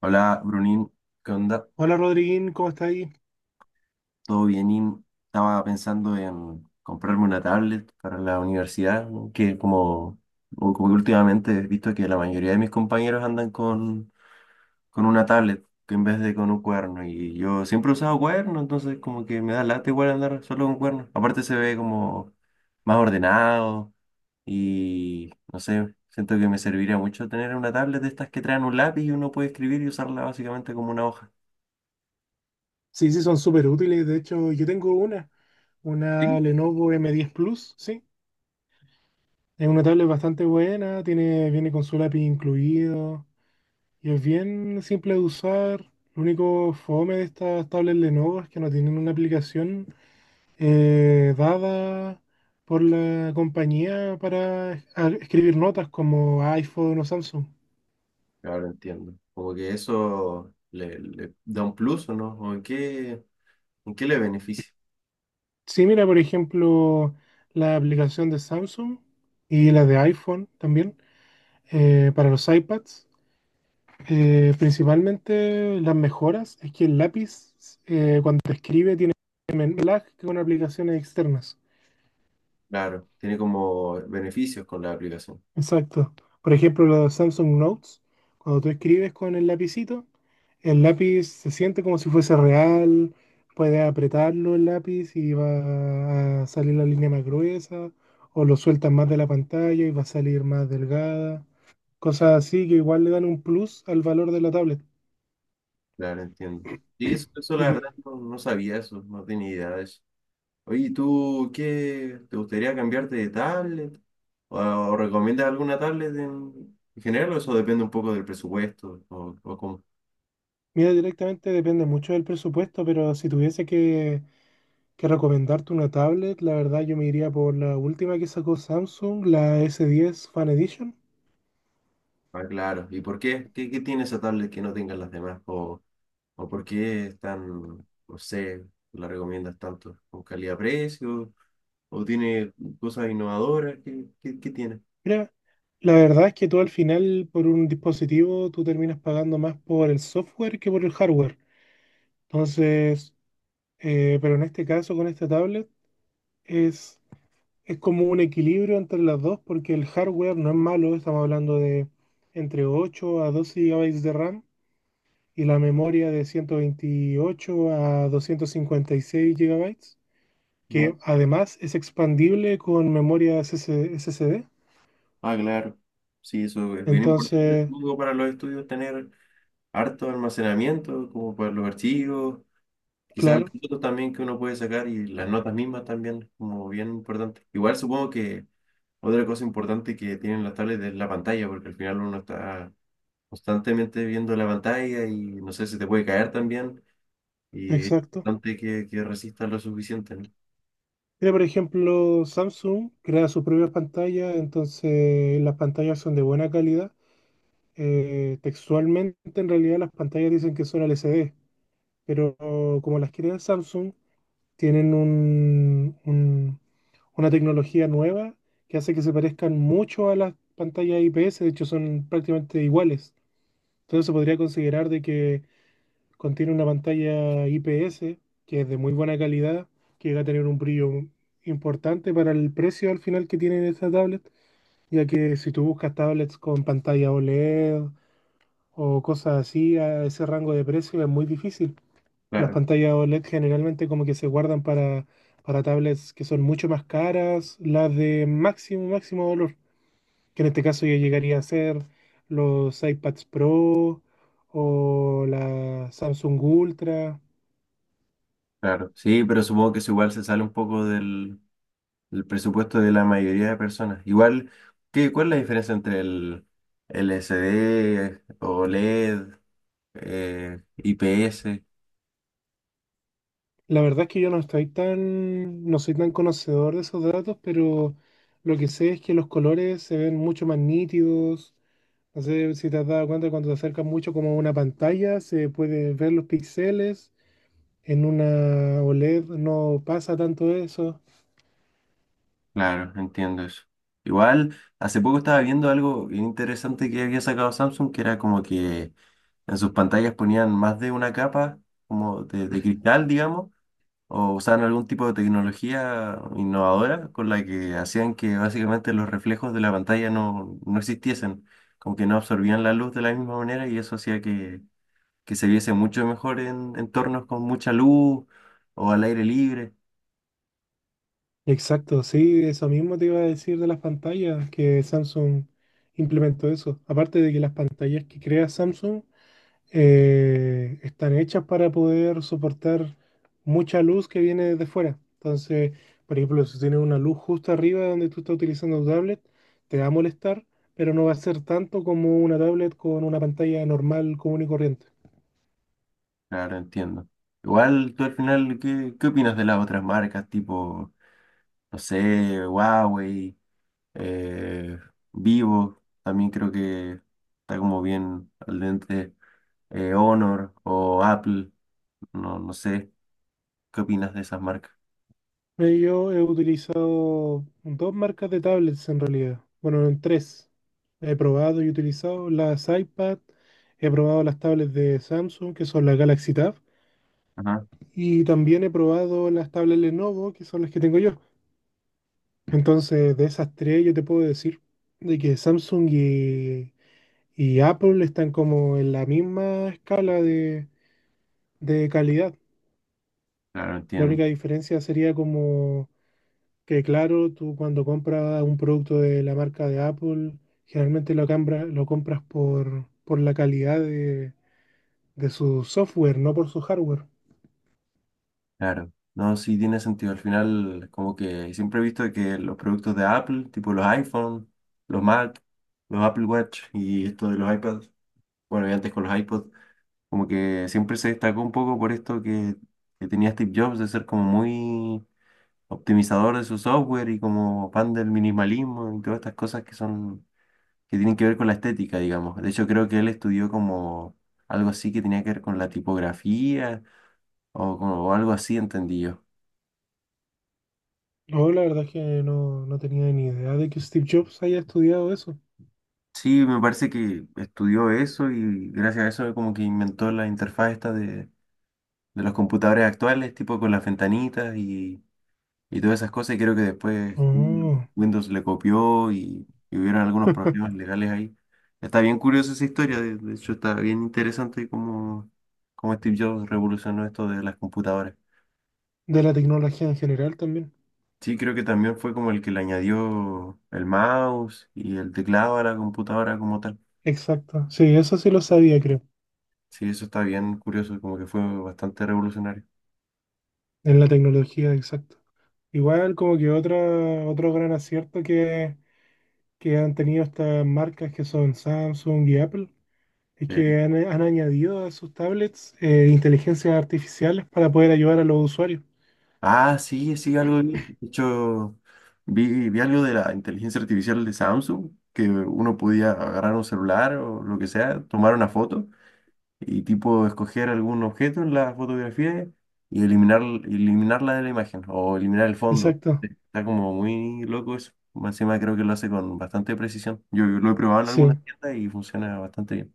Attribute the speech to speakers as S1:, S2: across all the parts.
S1: Hola, Brunín, ¿qué onda?
S2: Hola Rodriguín, ¿cómo está ahí?
S1: ¿Todo bienín? Estaba pensando en comprarme una tablet para la universidad, ¿no? Que como, o como que últimamente he visto que la mayoría de mis compañeros andan con una tablet que en vez de con un cuerno, y yo siempre he usado cuerno, entonces como que me da lata igual andar solo con cuerno. Aparte se ve como más ordenado y no sé, siento que me serviría mucho tener una tablet de estas que traen un lápiz y uno puede escribir y usarla básicamente como una hoja.
S2: Sí, sí, son súper útiles. De hecho, yo tengo una
S1: Sí.
S2: Lenovo M10 Plus, sí. Es una tablet bastante buena, tiene, viene con su lápiz incluido y es bien simple de usar. Lo único fome de estas tablets Lenovo es que no tienen una aplicación dada por la compañía para escribir notas como iPhone o Samsung.
S1: Ahora entiendo. Como que eso le da un plus o no, o en qué le beneficia.
S2: Sí, mira, por ejemplo, la aplicación de Samsung y la de iPhone también para los iPads. Principalmente las mejoras es que el lápiz cuando escribe tiene menos lag que con aplicaciones externas.
S1: Claro, tiene como beneficios con la aplicación.
S2: Exacto. Por ejemplo, los Samsung Notes, cuando tú escribes con el lapicito, el lápiz se siente como si fuese real, puedes apretarlo el lápiz y va a salir la línea más gruesa, o lo sueltas más de la pantalla y va a salir más delgada. Cosas así que igual le dan un plus al valor de la tablet.
S1: Claro, entiendo. Sí, eso la
S2: Porque,
S1: verdad no sabía eso, no tenía idea de eso. Oye, ¿y ¿tú qué? ¿Te gustaría cambiarte de tablet? ¿O recomiendas alguna tablet en general o eso depende un poco del presupuesto o cómo?
S2: mira, directamente depende mucho del presupuesto, pero si tuviese que recomendarte una tablet, la verdad yo me iría por la última que sacó Samsung, la S10 Fan Edition.
S1: Ah, claro. ¿Y por qué? ¿Qué, qué tiene esa tablet que no tengan las demás? O por qué es tan, no sé, la recomiendas tanto? ¿Con calidad-precio? ¿O tiene cosas innovadoras? ¿Qué, qué, qué tiene?
S2: Mira, la verdad es que tú al final por un dispositivo tú terminas pagando más por el software que por el hardware. Entonces, pero en este caso con esta tablet es, es como un equilibrio entre las dos porque el hardware no es malo, estamos hablando de entre 8 a 12 gigabytes de RAM y la memoria de 128 a 256 gigabytes
S1: Ajá.
S2: que además es expandible con memoria S S SSD.
S1: Ah, claro. Sí, eso es bien importante
S2: Entonces,
S1: luego para los estudios tener harto almacenamiento, como para los archivos, quizás las
S2: claro,
S1: fotos también que uno puede sacar y las notas mismas también, como bien importante. Igual supongo que otra cosa importante que tienen las tablets es la pantalla, porque al final uno está constantemente viendo la pantalla y no sé si te puede caer también y es
S2: exacto.
S1: importante que resistas lo suficiente, ¿no?
S2: Mira, por ejemplo, Samsung crea sus propias pantallas, entonces las pantallas son de buena calidad. Textualmente, en realidad, las pantallas dicen que son LCD, pero como las crea Samsung, tienen una tecnología nueva que hace que se parezcan mucho a las pantallas IPS, de hecho son prácticamente iguales. Entonces se podría considerar de que contiene una pantalla IPS que es de muy buena calidad, que llega a tener un brillo importante para el precio al final que tiene esta tablet, ya que si tú buscas tablets con pantalla OLED o cosas así a ese rango de precio es muy difícil. Las
S1: Claro,
S2: pantallas OLED generalmente como que se guardan para tablets que son mucho más caras, las de máximo, máximo valor, que en este caso ya llegaría a ser los iPads Pro o la Samsung Ultra.
S1: claro. Sí, pero supongo que eso igual se sale un poco del, del presupuesto de la mayoría de personas. Igual, ¿qué, cuál es la diferencia entre el L C d OLED, IPS?
S2: La verdad es que yo no estoy tan, no soy tan conocedor de esos datos, pero lo que sé es que los colores se ven mucho más nítidos. No sé si te has dado cuenta cuando te acercas mucho como a una pantalla, se puede ver los píxeles. En una OLED no pasa tanto eso.
S1: Claro, entiendo eso. Igual, hace poco estaba viendo algo bien interesante que había sacado Samsung, que era como que en sus pantallas ponían más de una capa como de cristal, digamos, o usaban algún tipo de tecnología innovadora con la que hacían que básicamente los reflejos de la pantalla no existiesen, como que no absorbían la luz de la misma manera y eso hacía que se viese mucho mejor en entornos con mucha luz o al aire libre.
S2: Exacto, sí, eso mismo te iba a decir de las pantallas, que Samsung implementó eso. Aparte de que las pantallas que crea Samsung están hechas para poder soportar mucha luz que viene desde fuera. Entonces, por ejemplo, si tienes una luz justo arriba de donde tú estás utilizando tu tablet, te va a molestar, pero no va a ser tanto como una tablet con una pantalla normal, común y corriente.
S1: Claro, entiendo. Igual tú al final, ¿qué, qué opinas de las otras marcas tipo, no sé, Huawei, eh, Vivo? También creo que está como bien al dente Honor o Apple, no sé, ¿qué opinas de esas marcas?
S2: Yo he utilizado dos marcas de tablets en realidad. Bueno, en tres. He probado y utilizado las iPad, he probado las tablets de Samsung, que son la Galaxy Tab.
S1: Ajá,
S2: Y también he probado las tablas Lenovo, que son las que tengo yo. Entonces, de esas tres, yo te puedo decir de que Samsung y Apple están como en la misma escala de calidad.
S1: claro,
S2: La
S1: entiendo.
S2: única diferencia sería como que, claro, tú cuando compras un producto de la marca de Apple, generalmente lo compras por la calidad de su software, no por su hardware.
S1: Claro. No, sí tiene sentido. Al final, como que siempre he visto que los productos de Apple, tipo los iPhone, los Mac, los Apple Watch y esto de los iPads, bueno, y antes con los iPods. Como que siempre se destacó un poco por esto que tenía Steve Jobs de ser como muy optimizador de su software y como fan del minimalismo y todas estas cosas que son, que tienen que ver con la estética, digamos. De hecho, creo que él estudió como algo así que tenía que ver con la tipografía o, o algo así, entendí yo.
S2: No, la verdad es que no tenía ni idea de que Steve Jobs haya estudiado eso.
S1: Sí, me parece que estudió eso y gracias a eso como que inventó la interfaz esta de los computadores actuales, tipo con las ventanitas y todas esas cosas, y creo que después
S2: Oh,
S1: Windows le copió y hubieron algunos problemas legales ahí. Está bien curiosa esa historia, de hecho está bien interesante cómo, cómo Steve Jobs revolucionó esto de las computadoras.
S2: de la tecnología en general también.
S1: Sí, creo que también fue como el que le añadió el mouse y el teclado a la computadora como tal.
S2: Exacto. Sí, eso sí lo sabía, creo.
S1: Sí, eso está bien curioso, como que fue bastante revolucionario.
S2: En la tecnología, exacto. Igual como que otro gran acierto que han tenido estas marcas que son Samsung y Apple es
S1: Sí.
S2: que han añadido a sus tablets inteligencias artificiales para poder ayudar a los usuarios.
S1: Ah, sí, sí, algo vi. De hecho, vi algo de la inteligencia artificial de Samsung, que uno podía agarrar un celular o lo que sea, tomar una foto y tipo escoger algún objeto en la fotografía y eliminarla de la imagen o eliminar el fondo.
S2: Exacto.
S1: Está como muy loco eso. Más encima creo que lo hace con bastante precisión. Yo lo he probado en
S2: Sí,
S1: algunas tiendas y funciona bastante bien.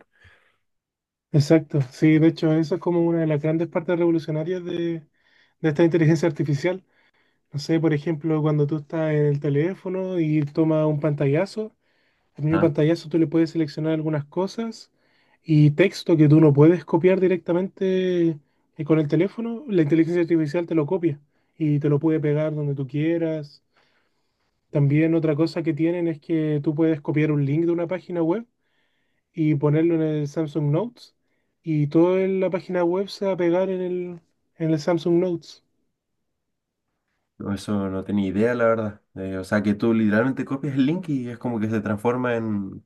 S2: exacto. Sí, de hecho, eso es como una de las grandes partes revolucionarias de esta inteligencia artificial. No sé, por ejemplo, cuando tú estás en el teléfono y tomas un pantallazo, al mismo
S1: Ah,
S2: pantallazo tú le puedes seleccionar algunas cosas y texto que tú no puedes copiar directamente con el teléfono, la inteligencia artificial te lo copia y te lo puede pegar donde tú quieras. También otra cosa que tienen es que tú puedes copiar un link de una página web y ponerlo en el Samsung Notes y toda la página web se va a pegar en el Samsung Notes.
S1: no, eso no tenía idea, la verdad. O sea que tú literalmente copias el link y es como que se transforma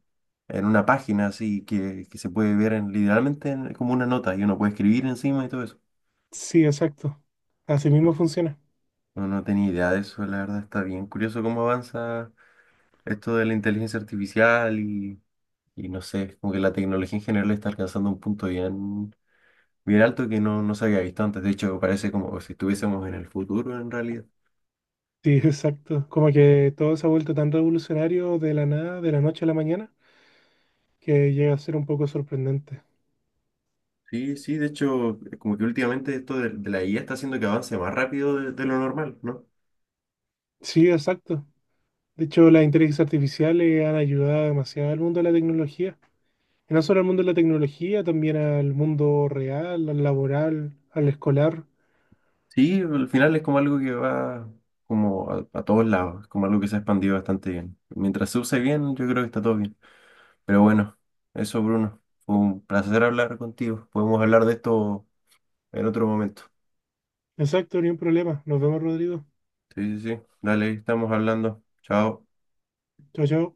S1: en una página así que se puede ver literalmente como una nota y uno puede escribir encima y todo eso.
S2: Sí, exacto. Así mismo funciona.
S1: No, no tenía idea de eso, la verdad está bien curioso cómo avanza esto de la inteligencia artificial y no sé, como que la tecnología en general está alcanzando un punto bien, bien alto que no se había visto antes. De hecho, parece como si estuviésemos en el futuro en realidad.
S2: Sí, exacto. Como que todo se ha vuelto tan revolucionario de la nada, de la noche a la mañana, que llega a ser un poco sorprendente.
S1: Sí, sí, de hecho, como que últimamente esto de la IA está haciendo que avance más rápido de lo normal, ¿no?
S2: Sí, exacto. De hecho, las inteligencias artificiales han ayudado demasiado al mundo de la tecnología. Y no solo al mundo de la tecnología, también al mundo real, al laboral, al escolar.
S1: Sí, al final es como algo que va como a todos lados, es como algo que se ha expandido bastante bien. Mientras se use bien, yo creo que está todo bien. Pero bueno, eso Bruno, fue un placer hablar contigo. Podemos hablar de esto en otro momento.
S2: Exacto, ni un problema. Nos vemos, Rodrigo.
S1: Sí, sí, sí. Dale, ahí estamos hablando. Chao.
S2: Chao, chao.